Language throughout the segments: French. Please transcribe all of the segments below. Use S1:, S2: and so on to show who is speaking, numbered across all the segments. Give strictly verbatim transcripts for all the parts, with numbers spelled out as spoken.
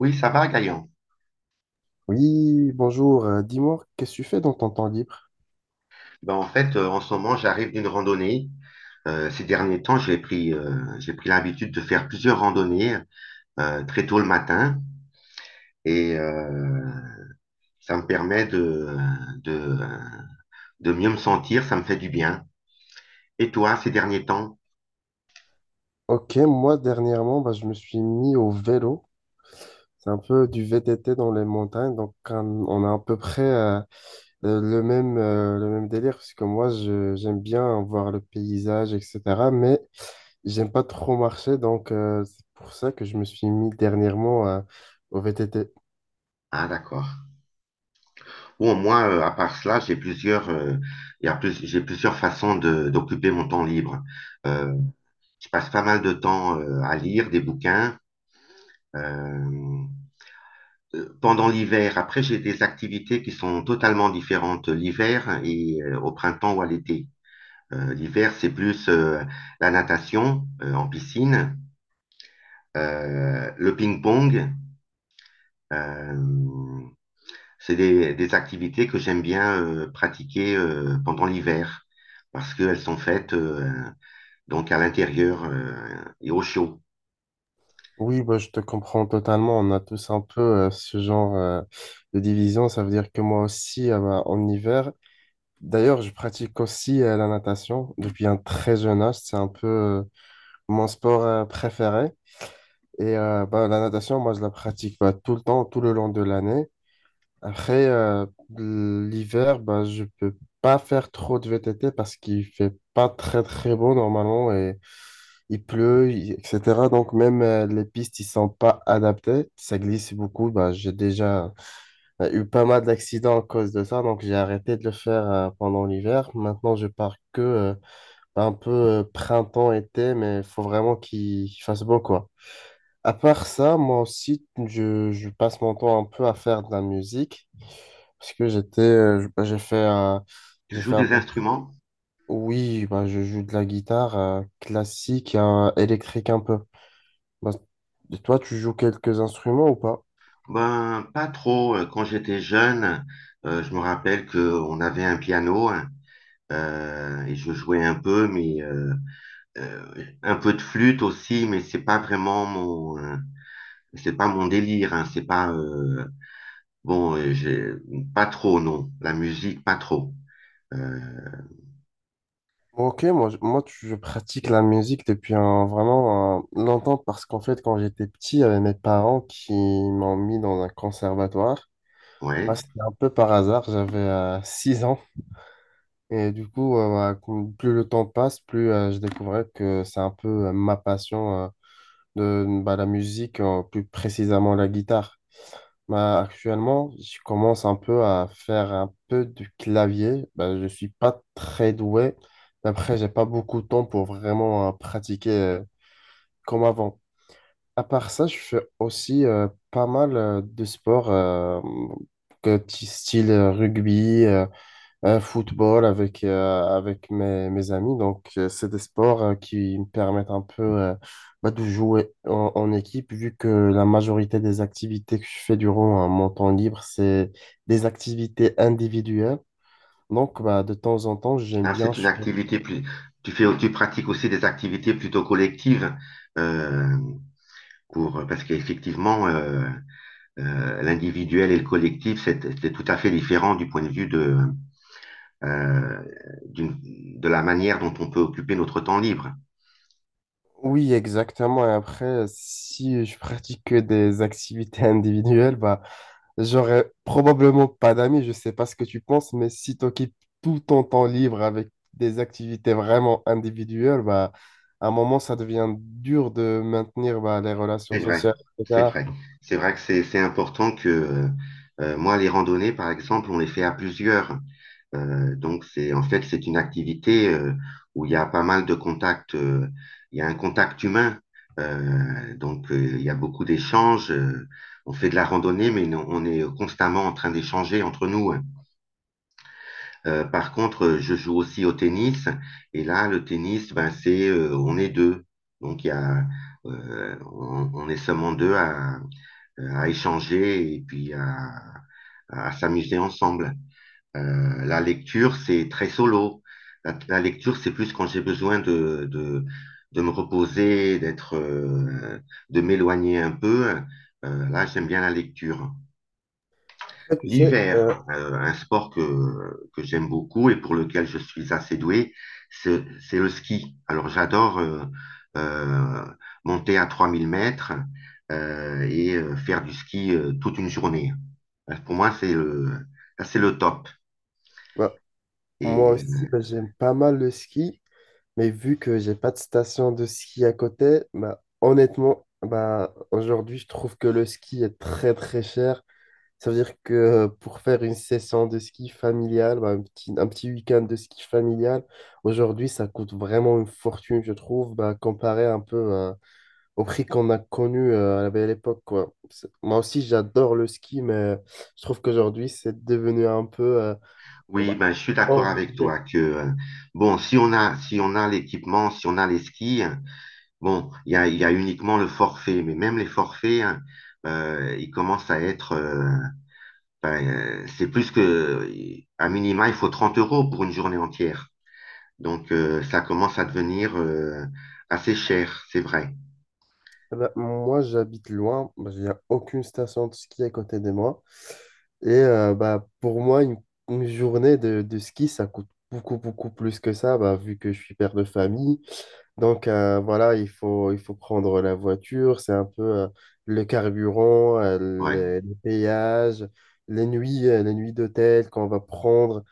S1: Oui, ça va, Gaël.
S2: Oui, bonjour. Euh, dis-moi, qu'est-ce que tu fais dans ton temps libre?
S1: Ben, en fait, euh, en ce moment, j'arrive d'une randonnée. Euh, ces derniers temps, j'ai pris, euh, j'ai pris l'habitude de faire plusieurs randonnées euh, très tôt le matin et euh, ça me permet de, de, de mieux me sentir, ça me fait du bien. Et toi, ces derniers temps?
S2: Ok, moi dernièrement, bah, je me suis mis au vélo. C'est un peu du V T T dans les montagnes, donc un- on a à peu près euh, euh, le même, euh, le même délire, parce que moi, je- j'aime bien voir le paysage, et cétéra. Mais j'aime pas trop marcher, donc euh, c'est pour ça que je me suis mis dernièrement euh, au V T T.
S1: Ah, d'accord. Bon, moi, euh, à part cela, j'ai plusieurs, euh, il y a plus, j'ai plusieurs façons de, d'occuper mon temps libre. Euh, je passe pas mal de temps euh, à lire des bouquins. Euh, Pendant l'hiver. Après, j'ai des activités qui sont totalement différentes l'hiver et euh, au printemps ou à l'été. Euh, l'hiver, c'est plus euh, la natation euh, en piscine, euh, le ping-pong. Euh, c'est des, des, activités que j'aime bien euh, pratiquer euh, pendant l'hiver parce qu'elles sont faites euh, donc à l'intérieur euh, et au chaud.
S2: Oui, bah, je te comprends totalement. On a tous un peu euh, ce genre euh, de division. Ça veut dire que moi aussi, euh, bah, en hiver, d'ailleurs, je pratique aussi euh, la natation depuis un très jeune âge. C'est un peu euh, mon sport euh, préféré. Et euh, bah, la natation, moi, je la pratique bah, tout le temps, tout le long de l'année. Après, euh, l'hiver, bah, je peux pas faire trop de V T T parce qu'il fait pas très, très beau normalement et il pleut, il- et cétéra. Donc, même euh, les pistes, ils sont pas adaptées. Ça glisse beaucoup. Bah, j'ai déjà euh, eu pas mal d'accidents à cause de ça. Donc, j'ai arrêté de le faire euh, pendant l'hiver. Maintenant, je pars que... euh, un peu euh, printemps-été, mais il faut vraiment qu'il qu'il fasse beau, quoi. À part ça, moi aussi, je, je passe mon temps un peu à faire de la musique, parce que j'étais, euh, je- bah, j'ai fait, euh,
S1: Tu
S2: j'ai
S1: joues
S2: fait un
S1: des
S2: peu,
S1: instruments?
S2: oui, bah, je joue de la guitare euh, classique euh, électrique un peu. Bah, et toi, tu joues quelques instruments ou pas?
S1: Ben, pas trop. Quand j'étais jeune, euh, je me rappelle qu'on avait un piano, hein. Euh, et je jouais un peu, mais euh, euh, un peu de flûte aussi, mais c'est pas vraiment mon, euh, c'est pas mon délire, hein, c'est pas euh, bon, euh, j'ai pas trop non, la musique pas trop. Euh,
S2: Ok, moi, je- moi tu- je pratique la musique depuis un, vraiment un- longtemps parce qu'en fait, quand j'étais petit, il y avait mes parents qui m'ont mis dans un conservatoire. Ah,
S1: ouais,
S2: c'était un peu par hasard, j'avais euh, six ans. Et du coup, euh, voilà, cou- plus le temps passe, plus euh, je découvrais que c'est un peu euh, ma passion euh, de bah, la musique, euh, plus précisément la guitare. Bah, actuellement, je commence un peu à faire un peu du clavier. Bah, je suis pas très doué. Après, j'ai pas beaucoup de temps pour vraiment euh, pratiquer euh, comme avant. À part ça, je fais aussi euh, pas mal euh, de sports euh, que- t- style euh, rugby. euh, Un football avec, euh, avec mes, mes amis. Donc, euh, c'est des sports euh, qui me permettent un peu euh, bah, de jouer en, en équipe, vu que la majorité des activités que je fais durant euh, mon temps libre, c'est des activités individuelles. Donc, bah, de temps en temps, j'aime
S1: ah,
S2: bien.
S1: c'est une activité plus, tu fais, tu pratiques aussi des activités plutôt collectives euh, pour parce qu'effectivement euh, euh, l'individuel et le collectif c'est c'est tout à fait différent du point de vue de euh, de la manière dont on peut occuper notre temps libre.
S2: Oui, exactement. Et après, si je pratique que des activités individuelles, bah, j'aurais probablement pas d'amis. Je sais pas ce que tu penses, mais si tu occupes tout ton temps libre avec des activités vraiment individuelles, bah, à un moment, ça devient dur de maintenir bah, les relations
S1: C'est vrai,
S2: sociales,
S1: c'est
S2: et cétéra.
S1: vrai. C'est vrai que c'est c'est important que euh, euh, moi, les randonnées, par exemple, on les fait à plusieurs. Euh, donc, c'est, en fait, c'est une activité euh, où il y a pas mal de contacts. Euh, il y a un contact humain. Euh, donc, euh, il y a beaucoup d'échanges. Euh, on fait de la randonnée, mais non- on est constamment en train d'échanger entre nous, hein. Euh, par contre, euh, je joue aussi au tennis. Et là, le tennis, ben, c'est, euh, on est deux. Donc, il y a, euh, on, on est seulement deux à, à échanger et puis à, à s'amuser ensemble. Euh, la lecture, c'est très solo. La, la lecture, c'est plus quand j'ai besoin de, de, de me reposer, d'être, euh, de m'éloigner un peu. Euh, là, j'aime bien la lecture.
S2: Après, tu sais, euh,
S1: L'hiver, euh, un sport que, que j'aime beaucoup et pour lequel je suis assez doué, c'est c'est le ski. Alors, j'adore euh, euh, monter à trois mille mètres euh, et euh, faire du ski euh, toute une journée. Euh, Pour moi, c'est le, là, c'est le top.
S2: bah, moi
S1: Et
S2: aussi,
S1: euh,
S2: bah, j'aime pas mal le ski. Mais vu que j'ai pas de station de ski à côté, bah, honnêtement, bah, aujourd'hui, je trouve que le ski est très très cher. Ça veut dire que euh, pour faire une session de ski familiale, bah, un petit, un petit week-end de ski familial, aujourd'hui, ça coûte vraiment une fortune, je trouve, bah, comparé un peu euh, au prix qu'on a connu euh, à la belle époque, quoi. C'est- Moi aussi, j'adore le ski, mais je trouve qu'aujourd'hui, c'est devenu un peu euh, oh,
S1: Oui,
S2: bah,
S1: ben, je suis
S2: hors
S1: d'accord avec
S2: budget.
S1: toi que, euh, Bon, si on a, si on a l'équipement, si on a les skis, hein, bon, il y a, il y a uniquement le forfait, mais même les forfaits, hein, euh, ils commencent à être, euh, ben, euh, c'est plus que, à minima, il faut trente euros pour une journée entière. Donc, euh, ça commence à devenir, euh, assez cher, c'est vrai.
S2: Eh ben, moi, j'habite loin. Il n'y a aucune station de ski à côté de moi. Et euh, bah, pour moi, une, une journée de, de ski, ça coûte beaucoup, beaucoup plus que ça, bah, vu que je suis père de famille. Donc euh, voilà, il faut, il faut prendre la voiture, c'est un peu euh, le carburant, euh,
S1: Ouais.
S2: les, les péages, les nuits, euh, les nuits d'hôtel qu'on va prendre.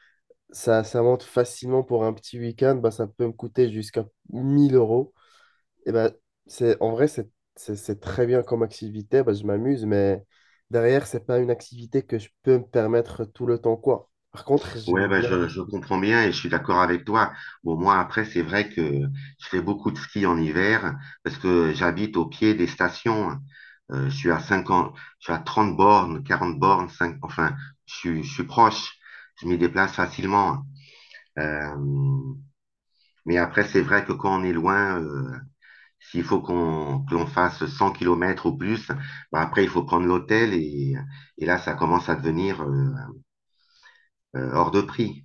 S2: Ça, ça monte facilement pour un petit week-end, bah, ça peut me coûter jusqu'à mille euros. Eh ben, c'est, en vrai, c'est c'est- c'est très bien comme activité, ben, je m'amuse, mais derrière, c'est pas une activité que je peux me permettre tout le temps, quoi. Par contre, j'aime
S1: Ouais, bah,
S2: bien le
S1: je, je
S2: ski.
S1: comprends bien et je suis d'accord avec toi. Bon, moi, après, c'est vrai que je fais beaucoup de ski en hiver parce que j'habite au pied des stations. Euh, je suis à cinquante, je suis à trente bornes, quarante bornes, cinq, enfin, je, suis- je suis proche. Je m'y déplace facilement. Euh, mais après, c'est vrai que quand on est loin, euh, s'il faut qu'on que l'on fasse cent kilomètres ou plus, bah, après, il faut prendre l'hôtel et, et là, ça commence à devenir euh, euh, hors de prix.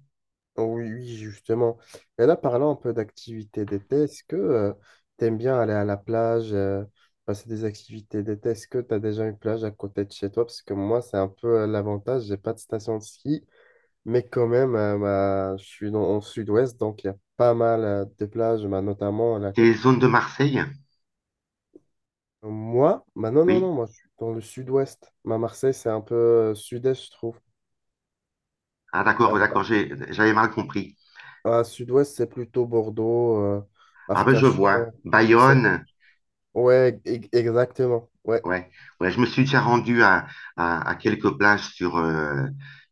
S2: Oh oui, oui, justement. Et là, parlant un peu d'activités d'été, est-ce que tu aimes bien aller à la plage, euh, passer des activités d'été? Est-ce que tu as déjà une plage à côté de chez toi? Parce que moi, c'est un peu euh, l'avantage, j'ai pas de station de ski, mais quand même, euh, bah, je suis dans, en sud-ouest, donc il y a pas mal euh, de plages, bah, notamment la.
S1: Tes zones de Marseille?
S2: Moi, bah non, non,
S1: Oui.
S2: non, moi je suis dans le sud-ouest. Ma Marseille, c'est un peu euh, sud-est, je trouve.
S1: Ah,
S2: Euh,
S1: d'accord, d'accord, j'ai- j'avais mal compris.
S2: à sud-ouest, c'est plutôt Bordeaux, euh,
S1: Ah ben je vois.
S2: Arcachon, et cétéra.
S1: Bayonne,
S2: Ouais, e- exactement. Ouais.
S1: ouais, ouais, je me suis déjà rendu à, à, à quelques plages sur euh,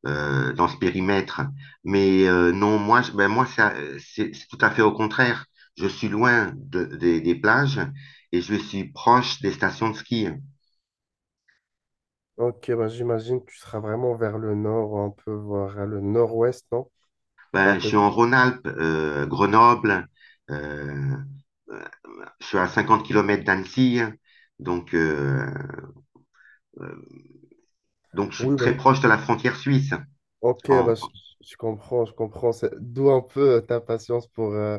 S1: euh, dans ce périmètre, mais euh, non, moi, je- ben moi ça, euh, c'est c'est tout à fait au contraire. Je suis loin de- des, des plages et je suis proche des stations de ski.
S2: Ok, bah j'imagine que tu seras vraiment vers le nord, un peu vers le nord-ouest, non? C'est un
S1: Ben, je
S2: peu.
S1: suis en Rhône-Alpes, euh, Grenoble, euh, euh, je suis à cinquante kilomètres d'Annecy, donc euh, euh, donc je suis
S2: Oui, bah,
S1: très proche de la frontière suisse.
S2: ok,
S1: En-
S2: bah, je, je comprends, je comprends. C'est- D'où un peu euh, ta patience pour euh,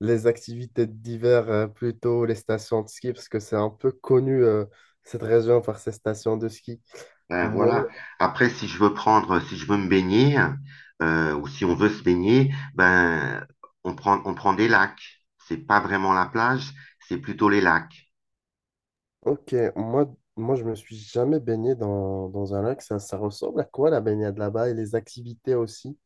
S2: les activités d'hiver, euh, plutôt les stations de ski, parce que c'est un peu connu euh, cette région par ses stations de ski.
S1: ben
S2: Moi,
S1: voilà. Après, si je veux prendre, si je veux me baigner, euh, ou si on veut se baigner, ben on prend, on prend des lacs. C'est pas vraiment la plage, c'est plutôt les lacs.
S2: ok, moi, moi je me suis jamais baigné dans, dans un lac. Ça, ça ressemble à quoi la baignade là-bas et les activités aussi?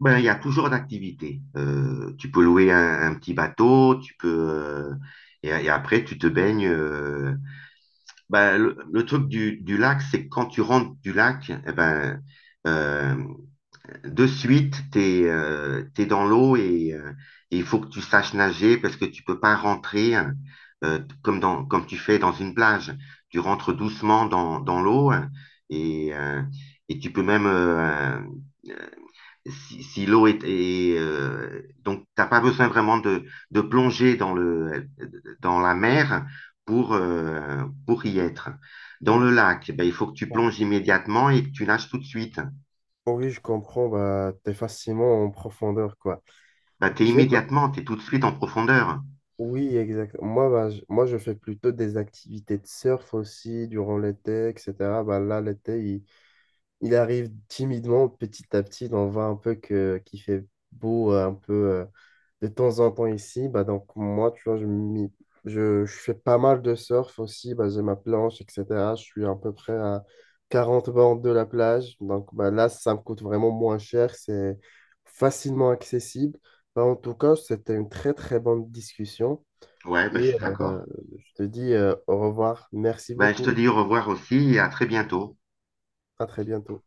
S1: Ben, il y a toujours d'activités. Euh, tu peux louer un, un petit bateau, tu peux euh, et, et après tu te baignes. euh. Ben, le, le truc du, du lac, c'est que quand tu rentres du lac, eh ben euh, de suite, t'es euh, t'es dans l'eau et euh, et il faut que tu saches nager parce que tu peux pas rentrer, hein, euh, comme dans comme tu fais dans une plage. Tu rentres doucement dans dans l'eau, hein, et euh, et tu peux même euh, si, si l'eau est, est, euh, donc t'as pas besoin vraiment de de plonger dans le dans la mer pour euh, pour y être. Dans
S2: Oh,
S1: le lac, ben, il faut que tu
S2: oh,
S1: plonges immédiatement et que tu nages tout de suite.
S2: oh oui, je comprends, bah, t'es facilement en profondeur, quoi.
S1: Bah, t'es
S2: Ok,
S1: immédiatement, t'es tout de suite en profondeur.
S2: oui, exact. Moi, bah, je, moi, je fais plutôt des activités de surf aussi durant l'été, et cétéra. Bah, là, l'été, il, il arrive timidement, petit à petit. On voit un peu que, qu'il fait beau euh, un peu euh, de temps en temps ici. Bah, donc, moi, tu vois, je, m'y- je, je fais pas mal de surf aussi. Bah, j'ai ma planche, et cétéra. Je suis à peu près à quarante bornes de la plage. Donc, bah, là, ça me coûte vraiment moins cher. C'est facilement accessible. Bah, en tout cas, c'était une très, très bonne discussion.
S1: Ouais, bah, je
S2: Et
S1: suis
S2: euh,
S1: d'accord.
S2: je te dis euh, au revoir. Merci
S1: Bah, je te
S2: beaucoup.
S1: dis au revoir aussi et à très bientôt.
S2: À très bientôt.